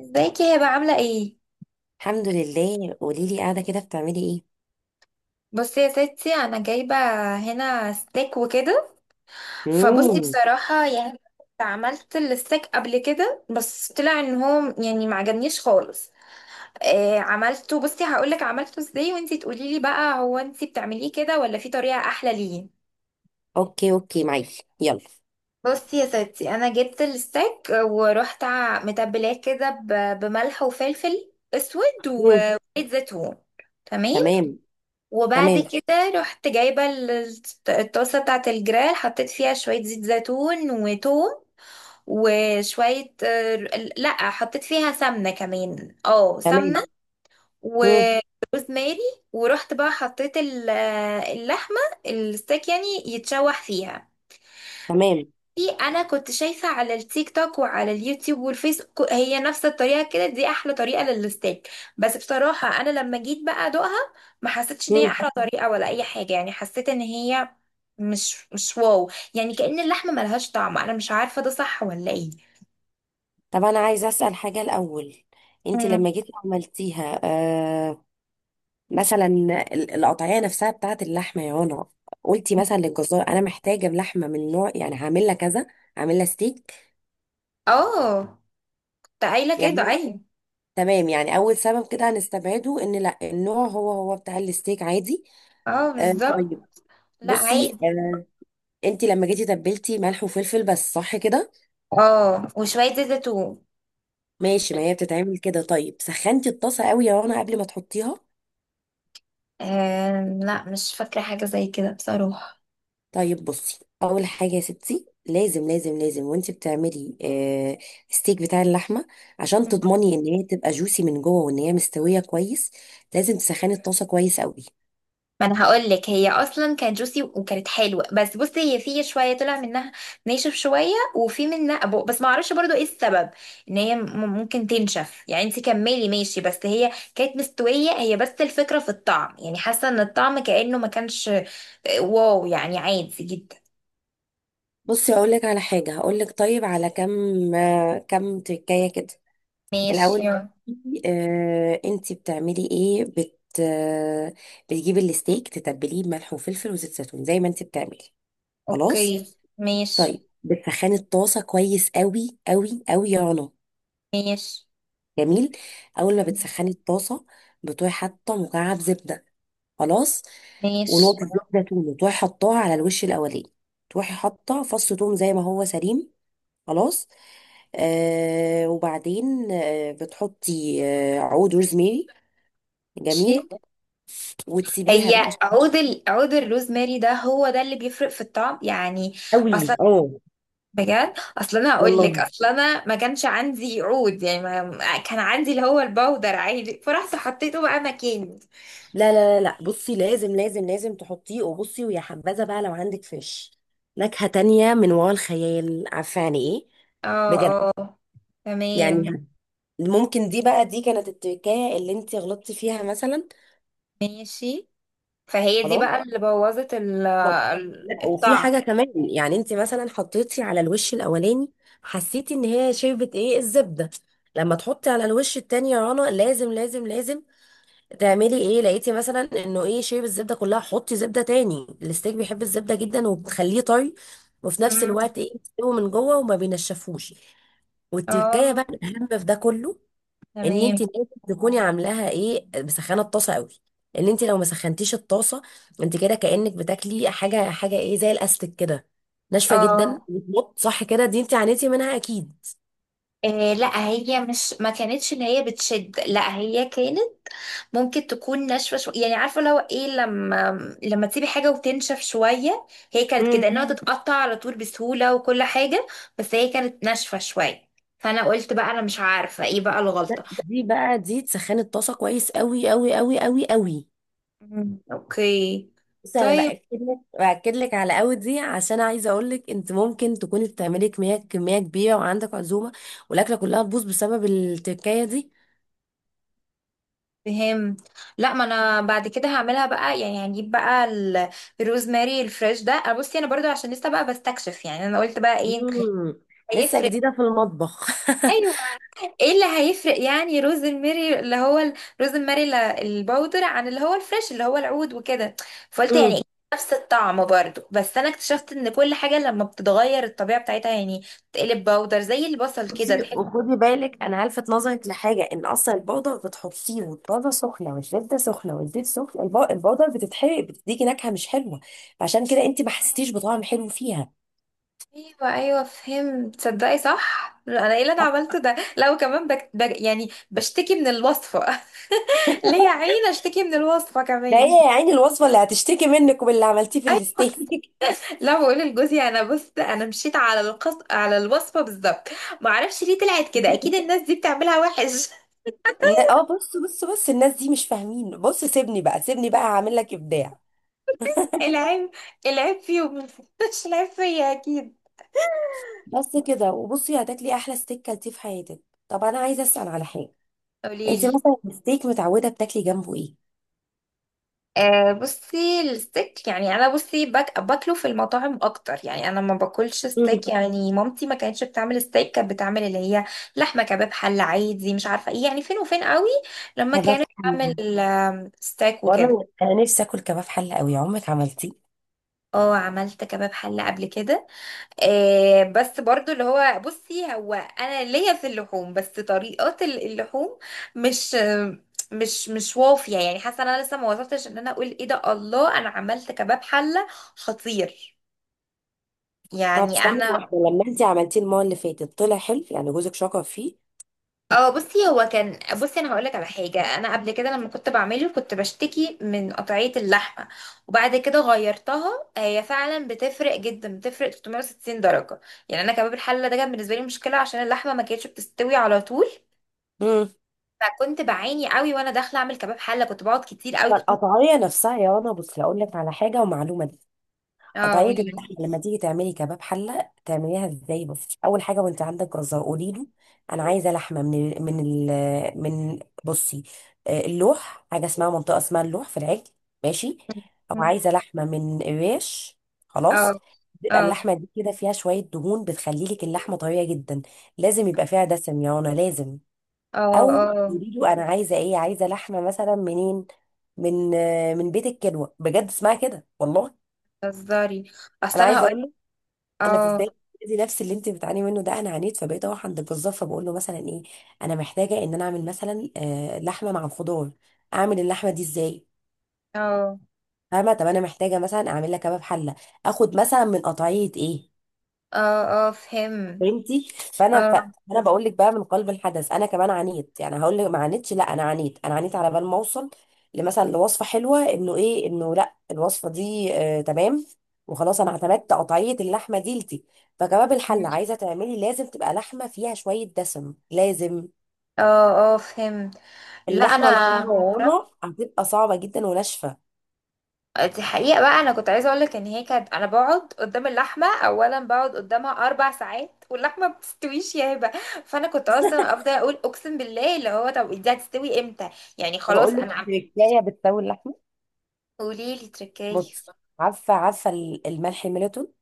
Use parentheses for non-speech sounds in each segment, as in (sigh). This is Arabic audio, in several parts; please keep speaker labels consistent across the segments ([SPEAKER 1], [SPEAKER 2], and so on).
[SPEAKER 1] ازيك يا بقى، عاملة ايه؟
[SPEAKER 2] الحمد لله، قولي لي قاعده كده بتعملي ايه؟
[SPEAKER 1] بصي يا ستي، انا جايبة هنا ستيك وكده. فبصي
[SPEAKER 2] امم
[SPEAKER 1] بصراحة يعني، عملت الستيك قبل كده، بس طلع ان هو يعني ما عجبنيش خالص. آه، عملته. بصي هقولك عملته ازاي وانتي تقوليلي بقى، هو انتي بتعمليه كده ولا في طريقة احلى؟ ليه؟
[SPEAKER 2] اوكي اوكي، معاكي، يلا.
[SPEAKER 1] بصي يا ستي، انا جبت الستيك ورحت متبلاه كده بملح وفلفل اسود
[SPEAKER 2] مم.
[SPEAKER 1] وزيت زيتون. تمام.
[SPEAKER 2] تمام.
[SPEAKER 1] وبعد
[SPEAKER 2] تمام.
[SPEAKER 1] كده رحت جايبة الطاسة بتاعة الجريل، حطيت فيها شوية زيت زيتون وتوم. وشوية لا، حطيت فيها سمنة كمان، اه
[SPEAKER 2] تمام.
[SPEAKER 1] سمنة.
[SPEAKER 2] مم.
[SPEAKER 1] وروزماري. ورحت بقى حطيت اللحمة، الستيك يعني، يتشوح فيها.
[SPEAKER 2] تمام.
[SPEAKER 1] دي انا كنت شايفه على التيك توك وعلى اليوتيوب والفيس، هي نفس الطريقه كده، دي احلى طريقه للستيك. بس بصراحه انا لما جيت بقى ادوقها، ما حسيتش ان هي
[SPEAKER 2] مم.
[SPEAKER 1] احلى طريقه ولا اي حاجه، يعني حسيت ان هي مش واو، يعني كأن اللحمه ملهاش طعم، انا مش عارفه ده صح ولا ايه.
[SPEAKER 2] طب انا عايزه اسال حاجه الاول. انت
[SPEAKER 1] مم.
[SPEAKER 2] لما جيتي عملتيها، مثلا القطعيه نفسها بتاعت اللحمه، يا هنا قلتي مثلا للجزار انا محتاجه لحمه من نوع، يعني هعمل لها كذا، هعمل لها ستيك
[SPEAKER 1] اه، ده قايله
[SPEAKER 2] يعني؟
[SPEAKER 1] كده، ايوه.
[SPEAKER 2] تمام، يعني اول سبب كده هنستبعده، ان لا، النوع هو بتاع الستيك عادي.
[SPEAKER 1] اه،
[SPEAKER 2] آه،
[SPEAKER 1] بالظبط.
[SPEAKER 2] طيب.
[SPEAKER 1] لا،
[SPEAKER 2] بصي،
[SPEAKER 1] عادي.
[SPEAKER 2] انت لما جيتي تبلتي ملح وفلفل بس، صح كده؟
[SPEAKER 1] اه، وشويه زيت زيتون.
[SPEAKER 2] ماشي، ما هي بتتعمل كده. طيب، سخنتي الطاسه قوي يا رنا قبل ما تحطيها؟
[SPEAKER 1] آه لا، مش فاكره حاجه زي كده بصراحه.
[SPEAKER 2] طيب بصي، اول حاجه يا ستي، لازم لازم لازم وانت بتعملي ستيك بتاع اللحمه، عشان تضمني ان هي تبقى جوسي من جوه وان هي مستويه كويس، لازم تسخني الطاسه كويس قوي.
[SPEAKER 1] ما انا هقول لك، هي اصلا كانت جوسي وكانت حلوه، بس بصي هي في شويه طلع منها ناشف شويه، وفي منها أبو، بس ما اعرفش برضو ايه السبب. ان هي ممكن تنشف يعني، انت كملي ماشي، بس هي كانت مستويه، هي بس الفكره في الطعم يعني، حاسه ان الطعم كانه ما كانش واو، يعني عادي جدا.
[SPEAKER 2] بصي اقول لك على حاجه، هقول لك، طيب على كم، كم تكايه كده
[SPEAKER 1] ماشي،
[SPEAKER 2] الأول.
[SPEAKER 1] يلا.
[SPEAKER 2] انتي بتعملي ايه، بت آه، بتجيبي الستيك، تتبليه بملح وفلفل وزيت زيتون زي ما انتي بتعملي. خلاص.
[SPEAKER 1] اوكي، ماشي.
[SPEAKER 2] طيب، بتسخني الطاسة كويس قوي قوي قوي يا رنا.
[SPEAKER 1] ماشي.
[SPEAKER 2] جميل. أول ما
[SPEAKER 1] تمام.
[SPEAKER 2] بتسخني الطاسة، بتروحي حاطة مكعب زبدة. خلاص. ونقطة
[SPEAKER 1] ماشي.
[SPEAKER 2] زبدة توم، تروحي حطاها على الوش الأولاني. تروحي حاطة فص توم زي ما هو سليم. خلاص. وبعدين بتحطي عود روزميري.
[SPEAKER 1] ماشي.
[SPEAKER 2] جميل. وتسيبيها
[SPEAKER 1] هي
[SPEAKER 2] بقى شوية.
[SPEAKER 1] عود الروزماري ده، هو ده اللي بيفرق في الطعم يعني.
[SPEAKER 2] قوي،
[SPEAKER 1] أصل.
[SPEAKER 2] اه.
[SPEAKER 1] بجد، اصل انا هقول لك،
[SPEAKER 2] والله
[SPEAKER 1] اصل انا ما كانش عندي عود يعني، ما كان عندي، اللي هو البودر عادي، فرحت حطيته بقى مكاني.
[SPEAKER 2] لا لا لا لا، بصي لازم لازم لازم تحطيه، وبصي ويا حبذا بقى لو عندك فيش نكهة تانية من وراء الخيال، عارفة يعني ايه؟
[SPEAKER 1] اه
[SPEAKER 2] بجد
[SPEAKER 1] اه، تمام.
[SPEAKER 2] يعني. ممكن دي بقى، دي كانت التركاية اللي انت غلطتي فيها مثلا.
[SPEAKER 1] ماشي. فهي دي
[SPEAKER 2] خلاص.
[SPEAKER 1] بقى اللي بوظت
[SPEAKER 2] بالظبط. لا وفي
[SPEAKER 1] الطعم.
[SPEAKER 2] حاجة كمان، يعني انت مثلا حطيتي على الوش الاولاني، حسيتي ان هي شربت ايه، الزبدة. لما تحطي على الوش التاني يا رنا، لازم لازم لازم تعملي ايه، لقيتي مثلا انه ايه، شيب الزبده كلها، حطي زبده تاني. الستيك بيحب الزبده جدا وبتخليه طري، وفي نفس
[SPEAKER 1] مم.
[SPEAKER 2] الوقت ايه، بتستوي من جوه وما بينشفوش. والتكايه
[SPEAKER 1] اه،
[SPEAKER 2] بقى الاهم في ده كله، ان انت
[SPEAKER 1] تمام.
[SPEAKER 2] لازم تكوني عاملاها ايه، مسخنه الطاسه قوي. ان انت لو ما سخنتيش الطاسه، انت كده كانك بتاكلي حاجه، حاجه ايه، زي الاستك كده، ناشفه جدا،
[SPEAKER 1] اه
[SPEAKER 2] بتمط، صح كده؟ دي انت عانيتي منها اكيد.
[SPEAKER 1] آه، لا هي مش، ما كانتش اللي هي بتشد، لا هي كانت، ممكن تكون ناشفه شويه يعني، عارفه لو ايه، لما تسيبي حاجه وتنشف شويه. هي كانت
[SPEAKER 2] مم.
[SPEAKER 1] كده انها، تتقطع على طول بسهوله وكل حاجه. بس هي كانت ناشفه شويه، فانا قلت بقى، انا مش عارفه ايه بقى الغلطه.
[SPEAKER 2] دي بقى دي، تسخني الطاسه كويس قوي قوي قوي قوي قوي،
[SPEAKER 1] مم، اوكي.
[SPEAKER 2] بس انا
[SPEAKER 1] طيب.
[SPEAKER 2] باكد لك على قوي دي، عشان عايزه اقول لك انت ممكن تكوني بتعملي كميه كبيره وعندك عزومه، والاكله كلها تبوظ بسبب التكايه دي.
[SPEAKER 1] فهمت. لا، ما انا بعد كده هعملها بقى يعني، هجيب بقى الروزماري الفريش ده. أنا بصي، انا برضو عشان لسه بقى بستكشف يعني، انا قلت بقى ايه
[SPEAKER 2] مم. لسه
[SPEAKER 1] هيفرق؟
[SPEAKER 2] جديده في المطبخ. (laughs)
[SPEAKER 1] أيوة. ايه اللي هيفرق يعني؟ روز الميري اللي هو روز الميري الباودر، عن اللي هو الفريش اللي هو العود وكده. فقلت يعني إيه،
[SPEAKER 2] مم.
[SPEAKER 1] نفس الطعم برضو. بس انا اكتشفت ان كل حاجة لما بتتغير الطبيعة بتاعتها يعني، تقلب باودر زي البصل كده
[SPEAKER 2] بصي
[SPEAKER 1] تحس.
[SPEAKER 2] وخدي بالك، انا هلفت نظرك لحاجه، ان اصلا البودر بتحطيه، والبودر سخنه، والزبده سخنه، والزيت سخن، البودر بتتحرق، بتديكي نكهه مش حلوه، فعشان كده انت ما حسيتيش بطعم حلو فيها.
[SPEAKER 1] ايوه ايوه، فهمت. تصدقي صح، انا ايه اللي انا عملته ده، لو كمان يعني بشتكي من الوصفة! (laughs) ليه يا عيني اشتكي من الوصفة
[SPEAKER 2] ده ايه
[SPEAKER 1] كمان؟
[SPEAKER 2] يا عيني الوصفه اللي هتشتكي منك، وباللي عملتيه في
[SPEAKER 1] (laughs)
[SPEAKER 2] الاستيك.
[SPEAKER 1] لا، بقول لجوزي انا، بص انا مشيت على على الوصفه بالظبط. ما اعرفش ليه طلعت كده، اكيد الناس دي بتعملها وحش. (laughs)
[SPEAKER 2] بص بص بص، الناس دي مش فاهمين، بص سيبني بقى سيبني بقى هعمل لك ابداع.
[SPEAKER 1] العيب، العيب فيهم. (laughs) مش العيب فيا اكيد.
[SPEAKER 2] بس كده، وبصي هتاكلي احلى ستيك كلتيه في حياتك. طب انا عايزه اسال على حاجه، انت
[SPEAKER 1] قوليلي.
[SPEAKER 2] مثلا الستيك متعوده بتاكلي جنبه ايه؟
[SPEAKER 1] آه، بصي الستيك يعني، انا بصي باكله في المطاعم اكتر، يعني انا ما باكلش
[SPEAKER 2] مم.
[SPEAKER 1] ستيك، يعني مامتي ما كانتش بتعمل ستيك، كانت بتعمل اللي هي لحمه كباب حله عادي، مش عارفه ايه يعني، فين وفين قوي لما
[SPEAKER 2] كباب
[SPEAKER 1] كانت
[SPEAKER 2] حله؟
[SPEAKER 1] بتعمل ستيك وكده.
[SPEAKER 2] والله انا نفسي اكل كباب حله قوي، عمرك عملتيه؟
[SPEAKER 1] اه، عملت كباب حله قبل كده. آه بس برضو اللي هو، بصي هو انا ليا في اللحوم بس، طريقات اللحوم مش مش وافيه، يعني حاسه انا لسه ما وصلتش ان انا اقول ايه ده، الله انا عملت كباب حله خطير
[SPEAKER 2] طب
[SPEAKER 1] يعني!
[SPEAKER 2] ثانيه
[SPEAKER 1] انا،
[SPEAKER 2] واحده، لما انت عملتيه المره اللي فاتت طلع حلو يعني؟ جوزك شكر فيه؟
[SPEAKER 1] اه، بصي هو كان، بصي انا هقولك على حاجه. انا قبل كده لما كنت بعمله كنت بشتكي من قطعيه اللحمه، وبعد كده غيرتها، هي فعلا بتفرق جدا، بتفرق 360 درجه. يعني انا كباب الحله ده كان بالنسبه لي مشكله، عشان اللحمه ما كانتش بتستوي على طول.
[SPEAKER 2] مم.
[SPEAKER 1] فكنت بعاني قوي وانا داخله اعمل كباب حله، كنت بقعد كتير قوي، كنت
[SPEAKER 2] فالقطعيه نفسها يا رنا، بصي اقول لك على حاجه ومعلومه،
[SPEAKER 1] اه،
[SPEAKER 2] قطعية
[SPEAKER 1] قولي لي.
[SPEAKER 2] اللحمة لما تيجي تعملي كباب حلة تعمليها ازاي؟ بس أول حاجة وانت عندك جزار قولي له، أنا عايزة لحمة من ال من ال من بصي آه، اللوح، حاجة اسمها منطقة اسمها اللوح في العجل. ماشي.
[SPEAKER 1] (laughs)
[SPEAKER 2] أو
[SPEAKER 1] مم.
[SPEAKER 2] عايزة لحمة من الريش. خلاص.
[SPEAKER 1] اه
[SPEAKER 2] بيبقى
[SPEAKER 1] اه
[SPEAKER 2] اللحمة دي كده فيها شوية دهون، بتخلي لك اللحمة طرية جدا. لازم يبقى فيها دسم يا رنا لازم.
[SPEAKER 1] اه
[SPEAKER 2] أو
[SPEAKER 1] اه.
[SPEAKER 2] قولي له أنا عايزة إيه، عايزة لحمة مثلا منين، من بيت الكلوة، بجد اسمها كده والله.
[SPEAKER 1] بتهزري.
[SPEAKER 2] انا
[SPEAKER 1] اصل انا
[SPEAKER 2] عايزه
[SPEAKER 1] هقول،
[SPEAKER 2] اقول، انا في
[SPEAKER 1] اه
[SPEAKER 2] بدايه، دي نفس اللي انت بتعاني منه ده، انا عانيت، فبقيت اروح عند الجزار فبقول له مثلا ايه، انا محتاجه ان انا اعمل مثلا لحمه مع خضار، اعمل اللحمه دي ازاي؟
[SPEAKER 1] اه
[SPEAKER 2] فاهمه؟ طب انا محتاجه مثلا اعمل لك كباب حله، اخد مثلا من قطعيه ايه؟
[SPEAKER 1] اه اه، فهم.
[SPEAKER 2] فهمتي؟ فانا
[SPEAKER 1] اه،
[SPEAKER 2] انا بقول لك بقى من قلب الحدث، انا كمان عانيت، يعني هقول لك ما عانيتش؟ لا انا عانيت، انا عانيت على بال ما اوصل لمثلا لوصفه حلوه، انه ايه انه لا الوصفه دي، آه تمام، وخلاص انا اعتمدت قطعيه اللحمه دي لتي. فكباب
[SPEAKER 1] مم،
[SPEAKER 2] الحله عايزه تعملي، لازم تبقى لحمه فيها شويه دسم لازم.
[SPEAKER 1] اه اه، فهم. لا،
[SPEAKER 2] اللحمه
[SPEAKER 1] انا
[SPEAKER 2] الحمراء يا رنا
[SPEAKER 1] معرفش.
[SPEAKER 2] هتبقى صعبه جدا وناشفه.
[SPEAKER 1] دي حقيقة بقى، انا كنت عايزة اقولك ان هي كانت، انا بقعد قدام اللحمة اولا، بقعد قدامها اربع ساعات واللحمة ما بتستويش يا هبة. فانا كنت اصلا افضل اقول اقسم بالله، اللي هو طب دي هتستوي امتى؟ يعني خلاص
[SPEAKER 2] بقول لك
[SPEAKER 1] انا،
[SPEAKER 2] تركايه بتسوي اللحمه.
[SPEAKER 1] قوليلي تركاية.
[SPEAKER 2] بصي، عارفه عارفه الملح الميلتون،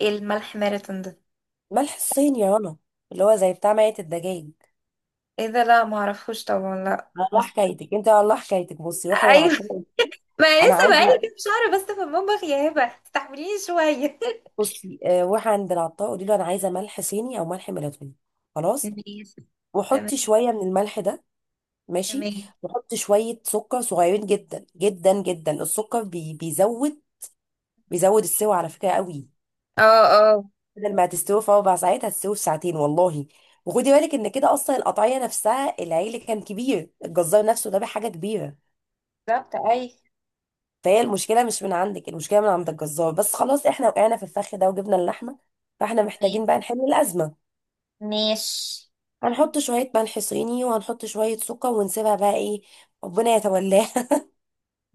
[SPEAKER 1] ايه الملح ماراثون ده؟
[SPEAKER 2] ملح الصين يا رنا، اللي هو زي بتاع ميه الدجاج.
[SPEAKER 1] ايه ده؟ لا معرفوش طبعا، لا
[SPEAKER 2] والله
[SPEAKER 1] بس،
[SPEAKER 2] حكايتك انت، والله حكايتك، بصي روحي
[SPEAKER 1] ايوه.
[SPEAKER 2] للعطار.
[SPEAKER 1] (laughs) ما أنا
[SPEAKER 2] انا
[SPEAKER 1] لسه بقالي
[SPEAKER 2] عايزه،
[SPEAKER 1] كام شهر بس في المطبخ يا هبه، استحمليني شويه.
[SPEAKER 2] بصي، روحي عند العطار قولي له انا عايزه ملح صيني او ملح ميلاتوني. خلاص.
[SPEAKER 1] (laughs) ماشي. تمام.
[SPEAKER 2] وحطي شويه من الملح ده. ماشي.
[SPEAKER 1] تمام.
[SPEAKER 2] وحطي شويه سكر صغيرين جدا جدا جدا. السكر بيزود، بيزود السوى على فكره قوي.
[SPEAKER 1] اه اه،
[SPEAKER 2] بدل ما هتستوي في 4 ساعات هتستوي في ساعتين والله. وخدي بالك ان كده، اصلا القطعيه نفسها، العيل كان كبير، الجزار نفسه ده بحاجه كبيره،
[SPEAKER 1] بالظبط، اي.
[SPEAKER 2] فهي المشكله مش من عندك، المشكله من عند الجزار، بس خلاص احنا وقعنا في الفخ ده وجبنا اللحمه، فاحنا
[SPEAKER 1] تمام.
[SPEAKER 2] محتاجين بقى نحل الازمه.
[SPEAKER 1] ماشي.
[SPEAKER 2] هنحط شويه ملح صيني وهنحط شويه سكر، ونسيبها بقى ايه، ربنا يتولاها.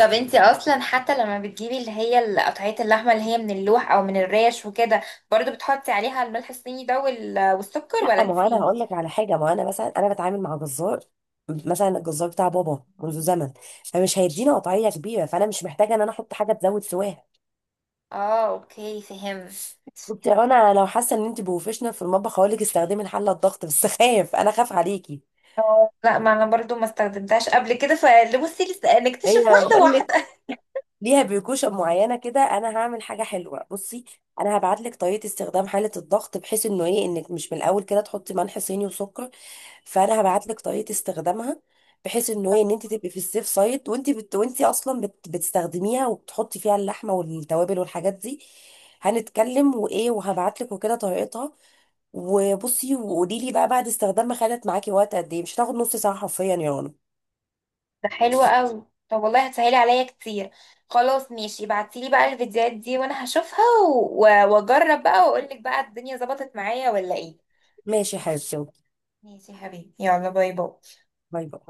[SPEAKER 1] طب انتي اصلا حتى لما بتجيبي اللي هي قطعية اللحمة اللي هي من اللوح او من الريش وكده، برضو بتحطي عليها الملح الصيني ده والسكر،
[SPEAKER 2] (laughs) لا،
[SPEAKER 1] ولا
[SPEAKER 2] ما هو انا
[SPEAKER 1] انتي؟
[SPEAKER 2] هقول لك على حاجه، ما هو انا مثلا انا بتعامل مع جزار، مثلا الجزار بتاع بابا منذ زمن، فمش هيدينا قطعيه كبيره، فانا مش محتاجه ان انا احط حاجه تزود سواها.
[SPEAKER 1] اه، اوكي، فهمت.
[SPEAKER 2] قلت يا رنا، لو حاسه ان انت بروفيشنال في المطبخ هقول لك استخدمي الحله الضغط بس، (laughs) خايف، انا خاف عليكي.
[SPEAKER 1] اه، لا، ما انا برضو ما استخدمتهاش قبل كده، فبصي لسه
[SPEAKER 2] هي
[SPEAKER 1] نكتشف واحده
[SPEAKER 2] بقول لك،
[SPEAKER 1] واحده.
[SPEAKER 2] ليها بيركوشن معينه كده، انا هعمل حاجه حلوه. بصي، انا هبعت لك طريقه استخدام حاله الضغط بحيث انه ايه، انك مش من الاول كده تحطي ملح صيني وسكر. فانا هبعت لك طريقه استخدامها، بحيث انه ايه ان انت تبقي في السيف سايد، وانت وانت اصلا بتستخدميها وبتحطي فيها اللحمه والتوابل والحاجات دي، هنتكلم، وايه، وهبعت لك، وكده طريقتها. وبصي، وقولي لي بقى بعد استخدامها خدت معاكي وقت قد ايه، مش هتاخد نص ساعه حرفيا يا رنا.
[SPEAKER 1] (laughs) ده حلو قوي، طب والله هتسهلي عليا كتير. خلاص ماشي، ابعتيلي بقى الفيديوهات دي وانا هشوفها و- واجرب بقى واقولك بقى، الدنيا ظبطت معايا ولا ايه.
[SPEAKER 2] ماشي يا حبيبتي،
[SPEAKER 1] ماشي يا حبيبي، يلا، باي باي.
[SPEAKER 2] باي باي.